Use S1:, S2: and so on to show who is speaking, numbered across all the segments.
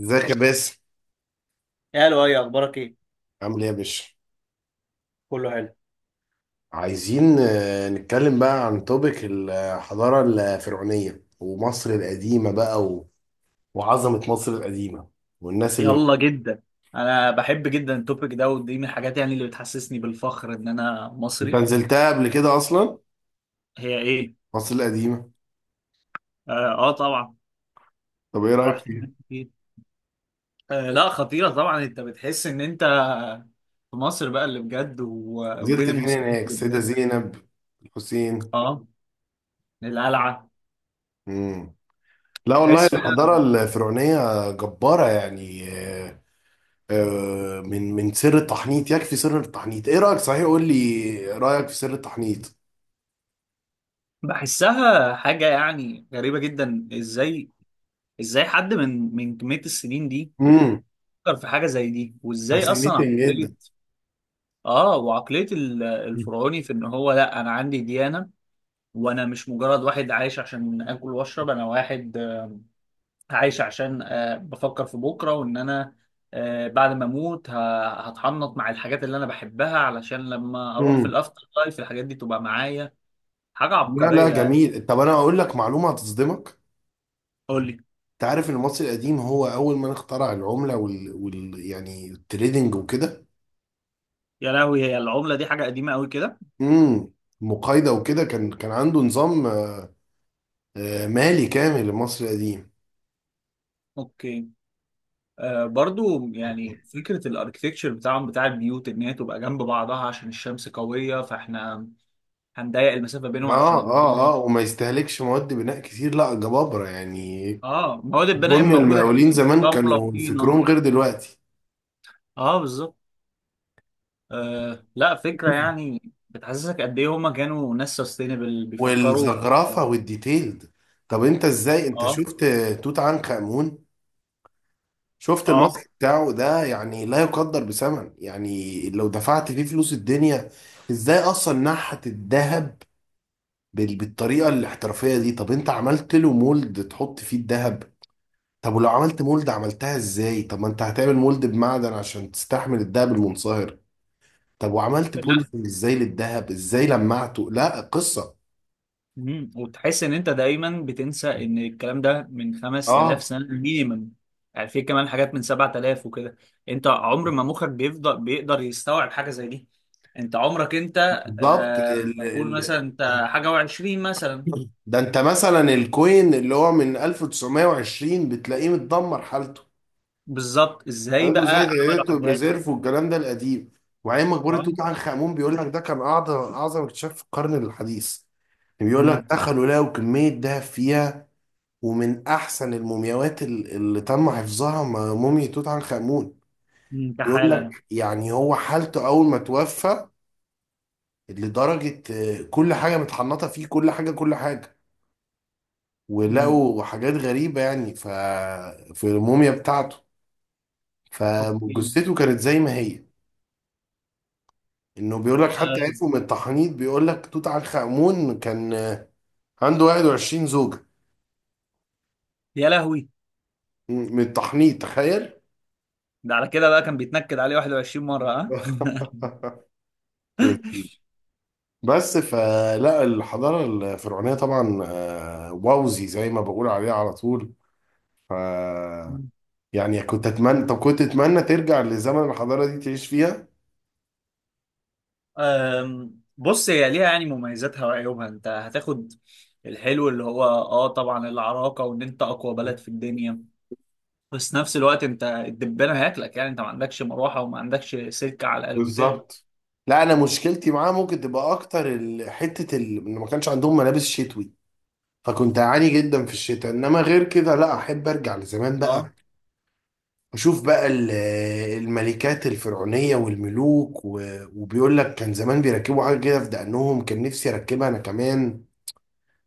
S1: ازيك يا باسم؟
S2: يا لؤي، اخبارك ايه؟
S1: عامل ايه يا باشا؟
S2: كله حلو.
S1: عايزين نتكلم بقى عن توبيك الحضارة الفرعونية ومصر القديمة بقى وعظمة مصر القديمة والناس اللي
S2: يلا جدا. انا بحب جدا التوبيك ده، ودي من الحاجات يعني اللي بتحسسني بالفخر ان انا
S1: انت
S2: مصري.
S1: نزلتها قبل كده اصلا؟
S2: هي ايه؟
S1: مصر القديمة.
S2: اه. آه طبعا.
S1: طب ايه رأيك
S2: رحت
S1: فيها؟
S2: هناك كتير. آه لا، خطيرة طبعا، انت بتحس ان انت في مصر بقى اللي بجد
S1: نزلت
S2: وبين
S1: فين
S2: المصريين
S1: هناك،
S2: اللي
S1: السيدة
S2: بجد.
S1: زينب، الحسين؟
S2: اه، القلعة.
S1: مم. لا والله،
S2: تحس
S1: الحضارة
S2: فعلا.
S1: الفرعونية جبارة يعني. من سر التحنيط، يكفي سر التحنيط. ايه رأيك، صحيح؟ قول لي رأيك في سر التحنيط.
S2: بحسها حاجة يعني غريبة جدا. ازاي حد من كمية السنين دي فكر في حاجة زي دي، وازاي اصلا.
S1: فاسينيتنج جدا.
S2: اه، وعقلية الفرعوني في ان هو، لا انا عندي ديانة، وانا مش مجرد واحد عايش عشان اكل واشرب. انا واحد عايش عشان بفكر في بكرة، وان انا بعد ما اموت هتحنط مع الحاجات اللي انا بحبها علشان لما اروح في
S1: امم
S2: الافتر لايف الحاجات دي تبقى معايا. حاجة
S1: لا لا،
S2: عبقرية يعني.
S1: جميل. طب انا اقول لك معلومه هتصدمك.
S2: قول لي.
S1: انت عارف ان المصري القديم هو اول من اخترع العمله يعني التريدنج وكده.
S2: يا لهوي، هي العملة دي حاجة قديمة قوي كده؟
S1: امم المقايضه وكده. كان عنده نظام مالي كامل، المصري القديم.
S2: اوكي. آه برضو، يعني فكرة الاركتكتشر بتاعهم بتاع البيوت ان هي تبقى جنب بعضها عشان الشمس قوية، فاحنا هنضيق المسافه بينهم
S1: اه
S2: عشان الجو.
S1: اه اه، وما يستهلكش مواد بناء كتير، لا جبابره يعني.
S2: اه، مواد البناء
S1: اظن
S2: موجوده،
S1: المقاولين
S2: يعني
S1: زمان
S2: رمله
S1: كانوا
S2: وطينه.
S1: فكرهم غير دلوقتي.
S2: اه، بالظبط. آه لا، فكره يعني بتحسسك قد ايه هما كانوا ناس سستينبل بيفكروا.
S1: والزخرفه
S2: اه.
S1: والديتيلد. طب انت ازاي، انت
S2: اه.
S1: شفت توت عنخ امون؟ شفت
S2: آه.
S1: الماسك بتاعه ده؟ يعني لا يقدر بثمن، يعني لو دفعت فيه فلوس الدنيا. ازاي اصلا نحت الذهب بالطريقه الاحترافيه دي؟ طب انت عملت له مولد تحط فيه الذهب؟ طب ولو عملت مولد عملتها ازاي؟ طب ما انت هتعمل مولد بمعدن عشان تستحمل الذهب المنصهر. طب وعملت
S2: لا.
S1: بوليسنج ازاي للذهب، ازاي لمعته؟ لا قصه.
S2: مم. وتحس ان انت دايما بتنسى ان الكلام ده من 5000
S1: اه
S2: سنه مينيمم. يعني في كمان حاجات من 7000 وكده. انت عمر ما مخك بيفضل بيقدر يستوعب حاجه زي دي. انت عمرك انت.
S1: بالظبط.
S2: آه. قول مثلا انت حاجه و20 مثلا.
S1: ده انت مثلا الكوين اللي هو من 1920 بتلاقيه متدمر حالته.
S2: بالظبط، ازاي
S1: انتوا
S2: بقى
S1: زي
S2: عملوا
S1: دايركت
S2: حاجات؟
S1: وبريزيرف والكلام ده القديم. وعين مقبره
S2: اه.
S1: توت عنخ امون، بيقول لك ده كان اعظم اعظم اكتشاف في القرن الحديث. يعني بيقول لك
S2: امم.
S1: دخلوا لقوا كميه دهب فيها، ومن احسن المومياوات اللي تم حفظها، موميا توت عنخ امون.
S2: أمم،
S1: بيقول
S2: كحاله يعني.
S1: لك يعني هو حالته اول ما توفى، لدرجه كل حاجه متحنطه فيه، كل حاجه كل حاجه.
S2: امم.
S1: ولقوا حاجات غريبه يعني في الموميا بتاعته،
S2: اوكي.
S1: فجثته كانت زي ما هي. انه بيقول لك حتى
S2: آه.
S1: عرفوا من التحنيط. بيقول لك توت عنخ آمون كان عنده 21 زوجة،
S2: يا لهوي.
S1: من التحنيط، تخيل.
S2: ده على كده بقى كان بيتنكد عليه 21 مره، ها؟
S1: لذيذ. بس فلا الحضارة الفرعونية طبعا، ووزي زي ما بقول عليها على طول. ف يعني كنت اتمنى طب كنت اتمنى ترجع لزمن الحضارة دي تعيش فيها.
S2: بص، هي ليها يعني مميزاتها وعيوبها. انت هتاخد الحلو اللي هو اه طبعا العراقة وان انت اقوى بلد في الدنيا، بس نفس الوقت انت الدبانة هياكلك، يعني انت ما عندكش مروحة وما عندكش سلك على القتال.
S1: بالظبط. لا انا مشكلتي معاه ممكن تبقى اكتر حتة ان ما كانش عندهم ملابس شتوي، فكنت اعاني جدا في الشتاء. انما غير كده لا، احب ارجع لزمان
S2: اه.
S1: بقى، اشوف بقى الملكات الفرعونيه والملوك وبيقول لك كان زمان بيركبوا حاجه كده في دقنهم، كان نفسي اركبها انا كمان.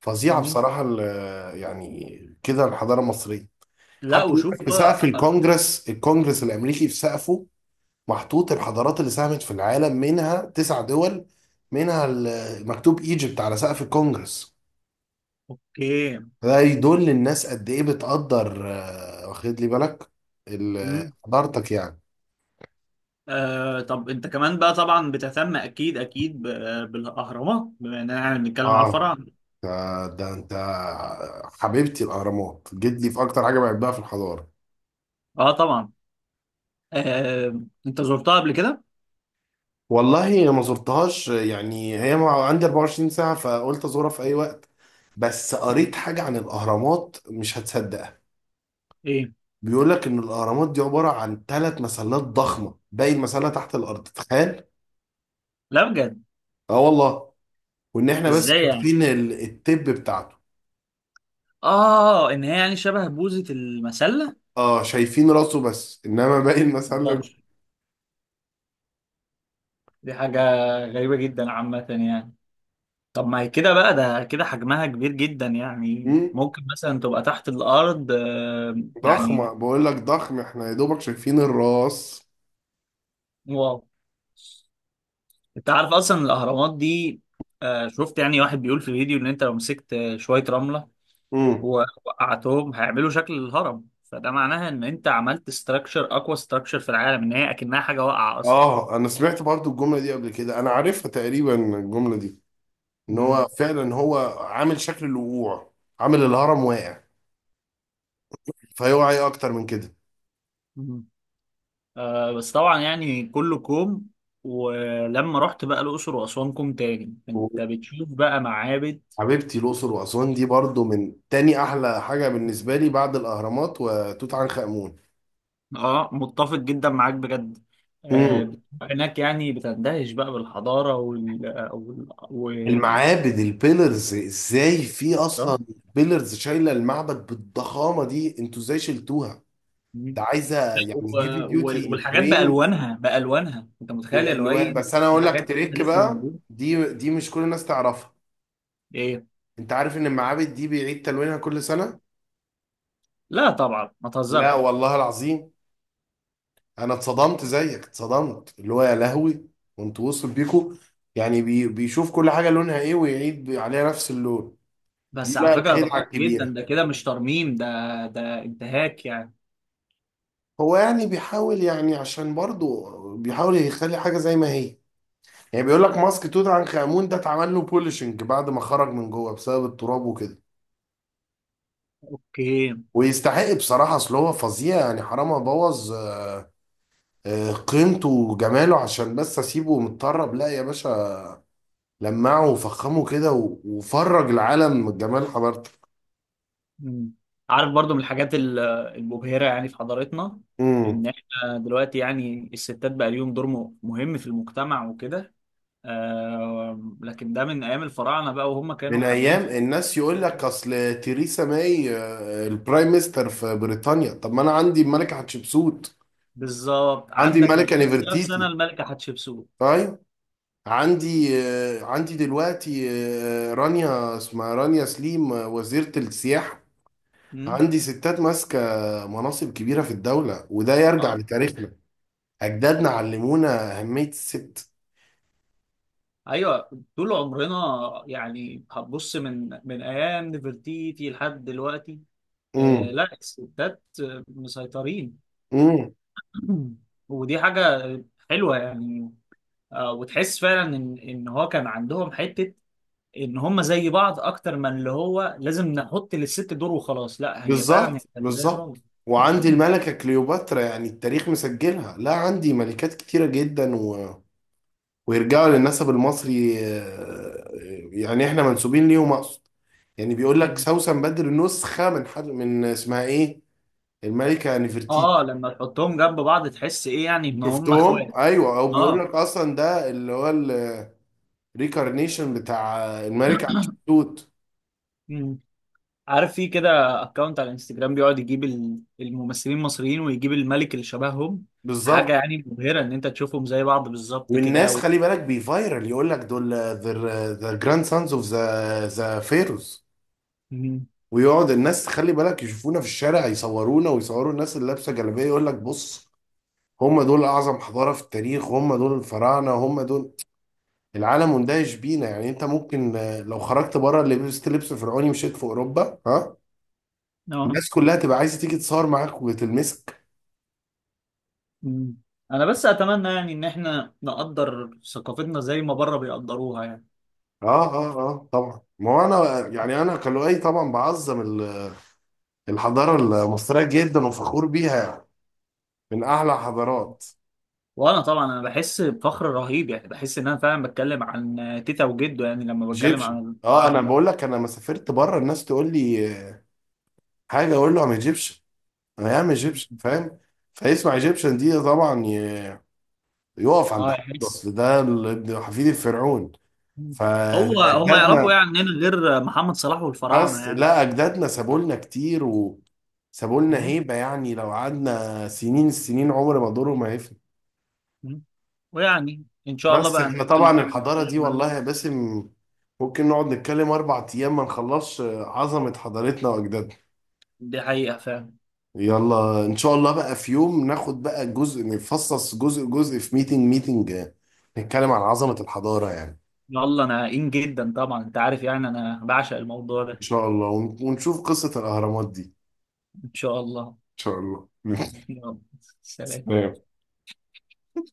S1: فظيعه
S2: مم.
S1: بصراحه يعني كده الحضاره المصريه.
S2: لا،
S1: حتى بيقول لك
S2: وشوف
S1: في سقف
S2: بقى.
S1: الكونجرس الامريكي، في سقفه محطوط الحضارات اللي ساهمت في العالم، منها 9 دول، منها مكتوب ايجيبت على سقف الكونجرس.
S2: اوكي.
S1: ده يدل للناس قد ايه بتقدر، واخد لي بالك
S2: مم.
S1: حضارتك يعني.
S2: آه، طب انت كمان بقى طبعا بتهتم اكيد اكيد بالاهرامات، بما اننا يعني بنتكلم على
S1: اه
S2: الفراعنه.
S1: ده, انت حبيبتي الاهرامات جيت لي في اكتر حاجه بحبها في الحضاره.
S2: اه طبعا. آه. انت زرتها قبل كده؟
S1: والله ما زرتهاش، يعني هي عندي 24 ساعه، فقلت ازورها في اي وقت. بس قريت حاجه عن الاهرامات مش هتصدقها.
S2: ايه؟
S1: بيقول لك ان الاهرامات دي عباره عن 3 مسلات ضخمه، باقي المسله تحت الارض، تخيل.
S2: لا بجد.
S1: اه والله. وان احنا بس
S2: ازاي يعني؟
S1: شايفين التب بتاعته.
S2: اه، ان هي يعني شبه بوزة المسلة.
S1: اه شايفين راسه بس، انما باقي الناس، قال لك.
S2: مقدرش. دي حاجة غريبة جدا عامة يعني. طب ما هي كده بقى، ده كده حجمها كبير جدا يعني،
S1: مم،
S2: ممكن مثلا تبقى تحت الارض آه.
S1: ضخمه،
S2: يعني.
S1: بقول لك ضخم، احنا يا دوبك شايفين الراس.
S2: واو. انت عارف اصلا الاهرامات دي، شفت يعني واحد بيقول في الفيديو ان انت لو مسكت شويه رمله
S1: امم
S2: ووقعتهم هيعملوا شكل الهرم، فده معناها ان انت عملت ستراكشر، اقوى ستراكشر في العالم، ان هي اكنها حاجه واقعه اصلا.
S1: اه، انا سمعت برضو الجمله دي قبل كده، انا عارفها تقريبا الجمله دي. ان هو
S2: مم.
S1: فعلا هو عامل شكل الوقوع، عامل الهرم واقع. فيوعى ايه اكتر من كده.
S2: مم. آه بس طبعا يعني كله كوم، ولما رحت بقى الاقصر واسوان كوم تاني، انت بتشوف بقى معابد.
S1: حبيبتي الاقصر واسوان دي برضو من تاني احلى حاجه بالنسبه لي بعد الاهرامات وتوت عنخ امون.
S2: اه، متفق جدا معاك بجد. آه،
S1: مم.
S2: بتبقى هناك يعني بتندهش بقى بالحضاره.
S1: المعابد، البيلرز ازاي في اصلا بيلرز شايله المعبد بالضخامه دي؟ انتوا ازاي شلتوها؟
S2: آه.
S1: ده عايزه
S2: لا،
S1: يعني هيفي ديوتي
S2: والحاجات
S1: كرين.
S2: بألوانها بألوانها، انت متخيل
S1: بالالوان.
S2: الوان.
S1: بس انا
S2: في
S1: اقول لك
S2: حاجات فيها
S1: تريك
S2: لسه
S1: بقى،
S2: موجوده.
S1: دي مش كل الناس تعرفها.
S2: ايه؟
S1: انت عارف ان المعابد دي بيعيد تلوينها كل سنه؟
S2: لا طبعا، ما
S1: لا
S2: تهزرش.
S1: والله العظيم، انا اتصدمت زيك، اتصدمت اللي هو يا لهوي. وانتوا وصل بيكو، يعني بيشوف كل حاجه لونها ايه ويعيد عليها نفس اللون. دي
S2: بس على
S1: بقى
S2: فكره ده
S1: الخدعه
S2: غلط جدا،
S1: الكبيره.
S2: ده كده مش ترميم ده، ده انتهاك يعني.
S1: هو يعني بيحاول، يعني عشان برضه بيحاول يخلي حاجة زي ما هي. يعني بيقول لك ماسك توت عنخ آمون ده اتعمل له بولشنج بعد ما خرج من جوه بسبب التراب وكده.
S2: اوكي.
S1: ويستحق بصراحة، أصل هو فظيع يعني، حرام أبوظ قيمته وجماله عشان بس أسيبه متطرب؟ لا يا باشا، لمعه وفخمه كده وفرج العالم من جمال حضارته.
S2: مم. عارف برضو من الحاجات المبهره يعني في حضارتنا،
S1: امم
S2: ان احنا دلوقتي يعني الستات بقى ليهم دور مهم في المجتمع وكده. آه لكن ده من ايام الفراعنه بقى، وهم كانوا
S1: من
S2: حابين
S1: أيام
S2: في.
S1: الناس، يقول لك أصل تheresa ماي البرايم ميستر في بريطانيا، طب ما أنا عندي الملكة حتشبسوت،
S2: بالظبط،
S1: عندي
S2: عندك من
S1: ملكة
S2: 5000 سنه
S1: نفرتيتي.
S2: الملكه حتشبسوت.
S1: طيب، عندي عندي دلوقتي رانيا، اسمها رانيا سليم، وزيرة السياحة. عندي ستات ماسكة مناصب كبيرة في الدولة، وده يرجع
S2: اه
S1: لتاريخنا. أجدادنا علمونا أهمية الست.
S2: ايوه، طول عمرنا، يعني هتبص من ايام نفرتيتي لحد دلوقتي. آه
S1: امم
S2: لا، الستات مسيطرين.
S1: امم
S2: ودي حاجه حلوه يعني. آه، وتحس فعلا ان ان هو كان عندهم حته ان هم زي بعض اكتر من اللي هو لازم نحط للست دور وخلاص. لا، هي فعلا هي
S1: بالظبط
S2: كانت زي الراجل.
S1: بالظبط. وعندي الملكة كليوباترا، يعني التاريخ مسجلها، لا عندي ملكات كتيرة جدا ويرجعوا للنسب المصري، يعني احنا منسوبين ليهم اقصد. يعني بيقول لك سوسن بدر نسخه من حد، من اسمها ايه، الملكه نفرتيتي.
S2: اه، لما تحطهم جنب بعض تحس ايه يعني، ان هم
S1: شفتهم؟
S2: اخوات.
S1: ايوه، او بيقول
S2: اه،
S1: لك اصلا ده اللي هو الريكارنيشن بتاع الملكه حتشبسوت.
S2: عارف في كده اكونت على الانستجرام بيقعد يجيب الممثلين المصريين ويجيب الملك اللي شبههم. حاجة
S1: بالظبط.
S2: يعني مبهرة ان انت تشوفهم زي بعض بالظبط كده
S1: والناس
S2: و...
S1: خلي بالك بيفايرل، يقول لك دول ذا جراند سانز اوف ذا فيروز.
S2: مم.
S1: ويقعد الناس خلي بالك يشوفونا في الشارع يصورونا، ويصوروا الناس اللي لابسه جلابيه، يقول لك بص، هم دول اعظم حضاره في التاريخ، هم دول الفراعنه، هم دول. العالم مندهش بينا يعني. انت ممكن لو خرجت بره لبست لبس فرعوني مشيت في اوروبا، ها،
S2: اه.
S1: الناس كلها تبقى عايزه تيجي تصور معاك وتلمسك.
S2: مم. انا بس اتمنى يعني ان احنا نقدر ثقافتنا زي ما بره بيقدروها يعني.
S1: اه اه اه طبعا، ما هو انا يعني انا كلوعي طبعا بعظم الحضاره المصريه جدا، وفخور بيها يعني، من اعلى حضارات.
S2: وانا طبعا انا بحس بفخر رهيب، يعني بحس ان انا فعلا بتكلم عن تيتا وجده يعني لما بتكلم
S1: ايجيبشن.
S2: عن
S1: اه انا
S2: الفراعنة.
S1: بقول لك انا لما سافرت بره الناس تقول لي حاجه، اقول له ام ايجيبشن. انا ام ايجيبشن،
S2: مم.
S1: فاهم؟ فيسمع ايجيبشن دي طبعا، يقف عند
S2: اه،
S1: حد،
S2: يحس.
S1: اصل ده ابن حفيد الفرعون.
S2: مم. هو هم يعرفوا
S1: فاجدادنا،
S2: يعني عننا غير محمد صلاح
S1: بس
S2: والفراعنة؟
S1: لا اجدادنا سابوا لنا كتير وسابوا لنا
S2: يعني.
S1: هيبه، يعني لو قعدنا سنين السنين عمر ما دوره ما هيفنى.
S2: مم. ويعني ان شاء الله
S1: بس
S2: بقى
S1: احنا
S2: نحاول
S1: طبعا
S2: نعمل
S1: الحضاره
S2: اللي
S1: دي
S2: نعمله.
S1: والله يا باسم، ممكن نقعد نتكلم 4 ايام ما نخلصش عظمه حضارتنا واجدادنا.
S2: دي حقيقة فعلا.
S1: يلا ان شاء الله بقى في يوم ناخد بقى جزء، نفصص جزء جزء في ميتنج ميتنج، نتكلم عن عظمه الحضاره يعني.
S2: يلا، انا قايم جدا طبعا، انت عارف يعني انا بعشق الموضوع
S1: ان
S2: ده.
S1: شاء الله ونشوف قصه الاهرامات دي.
S2: ان شاء الله.
S1: شاء الله.
S2: يلا. سلام.
S1: سلام.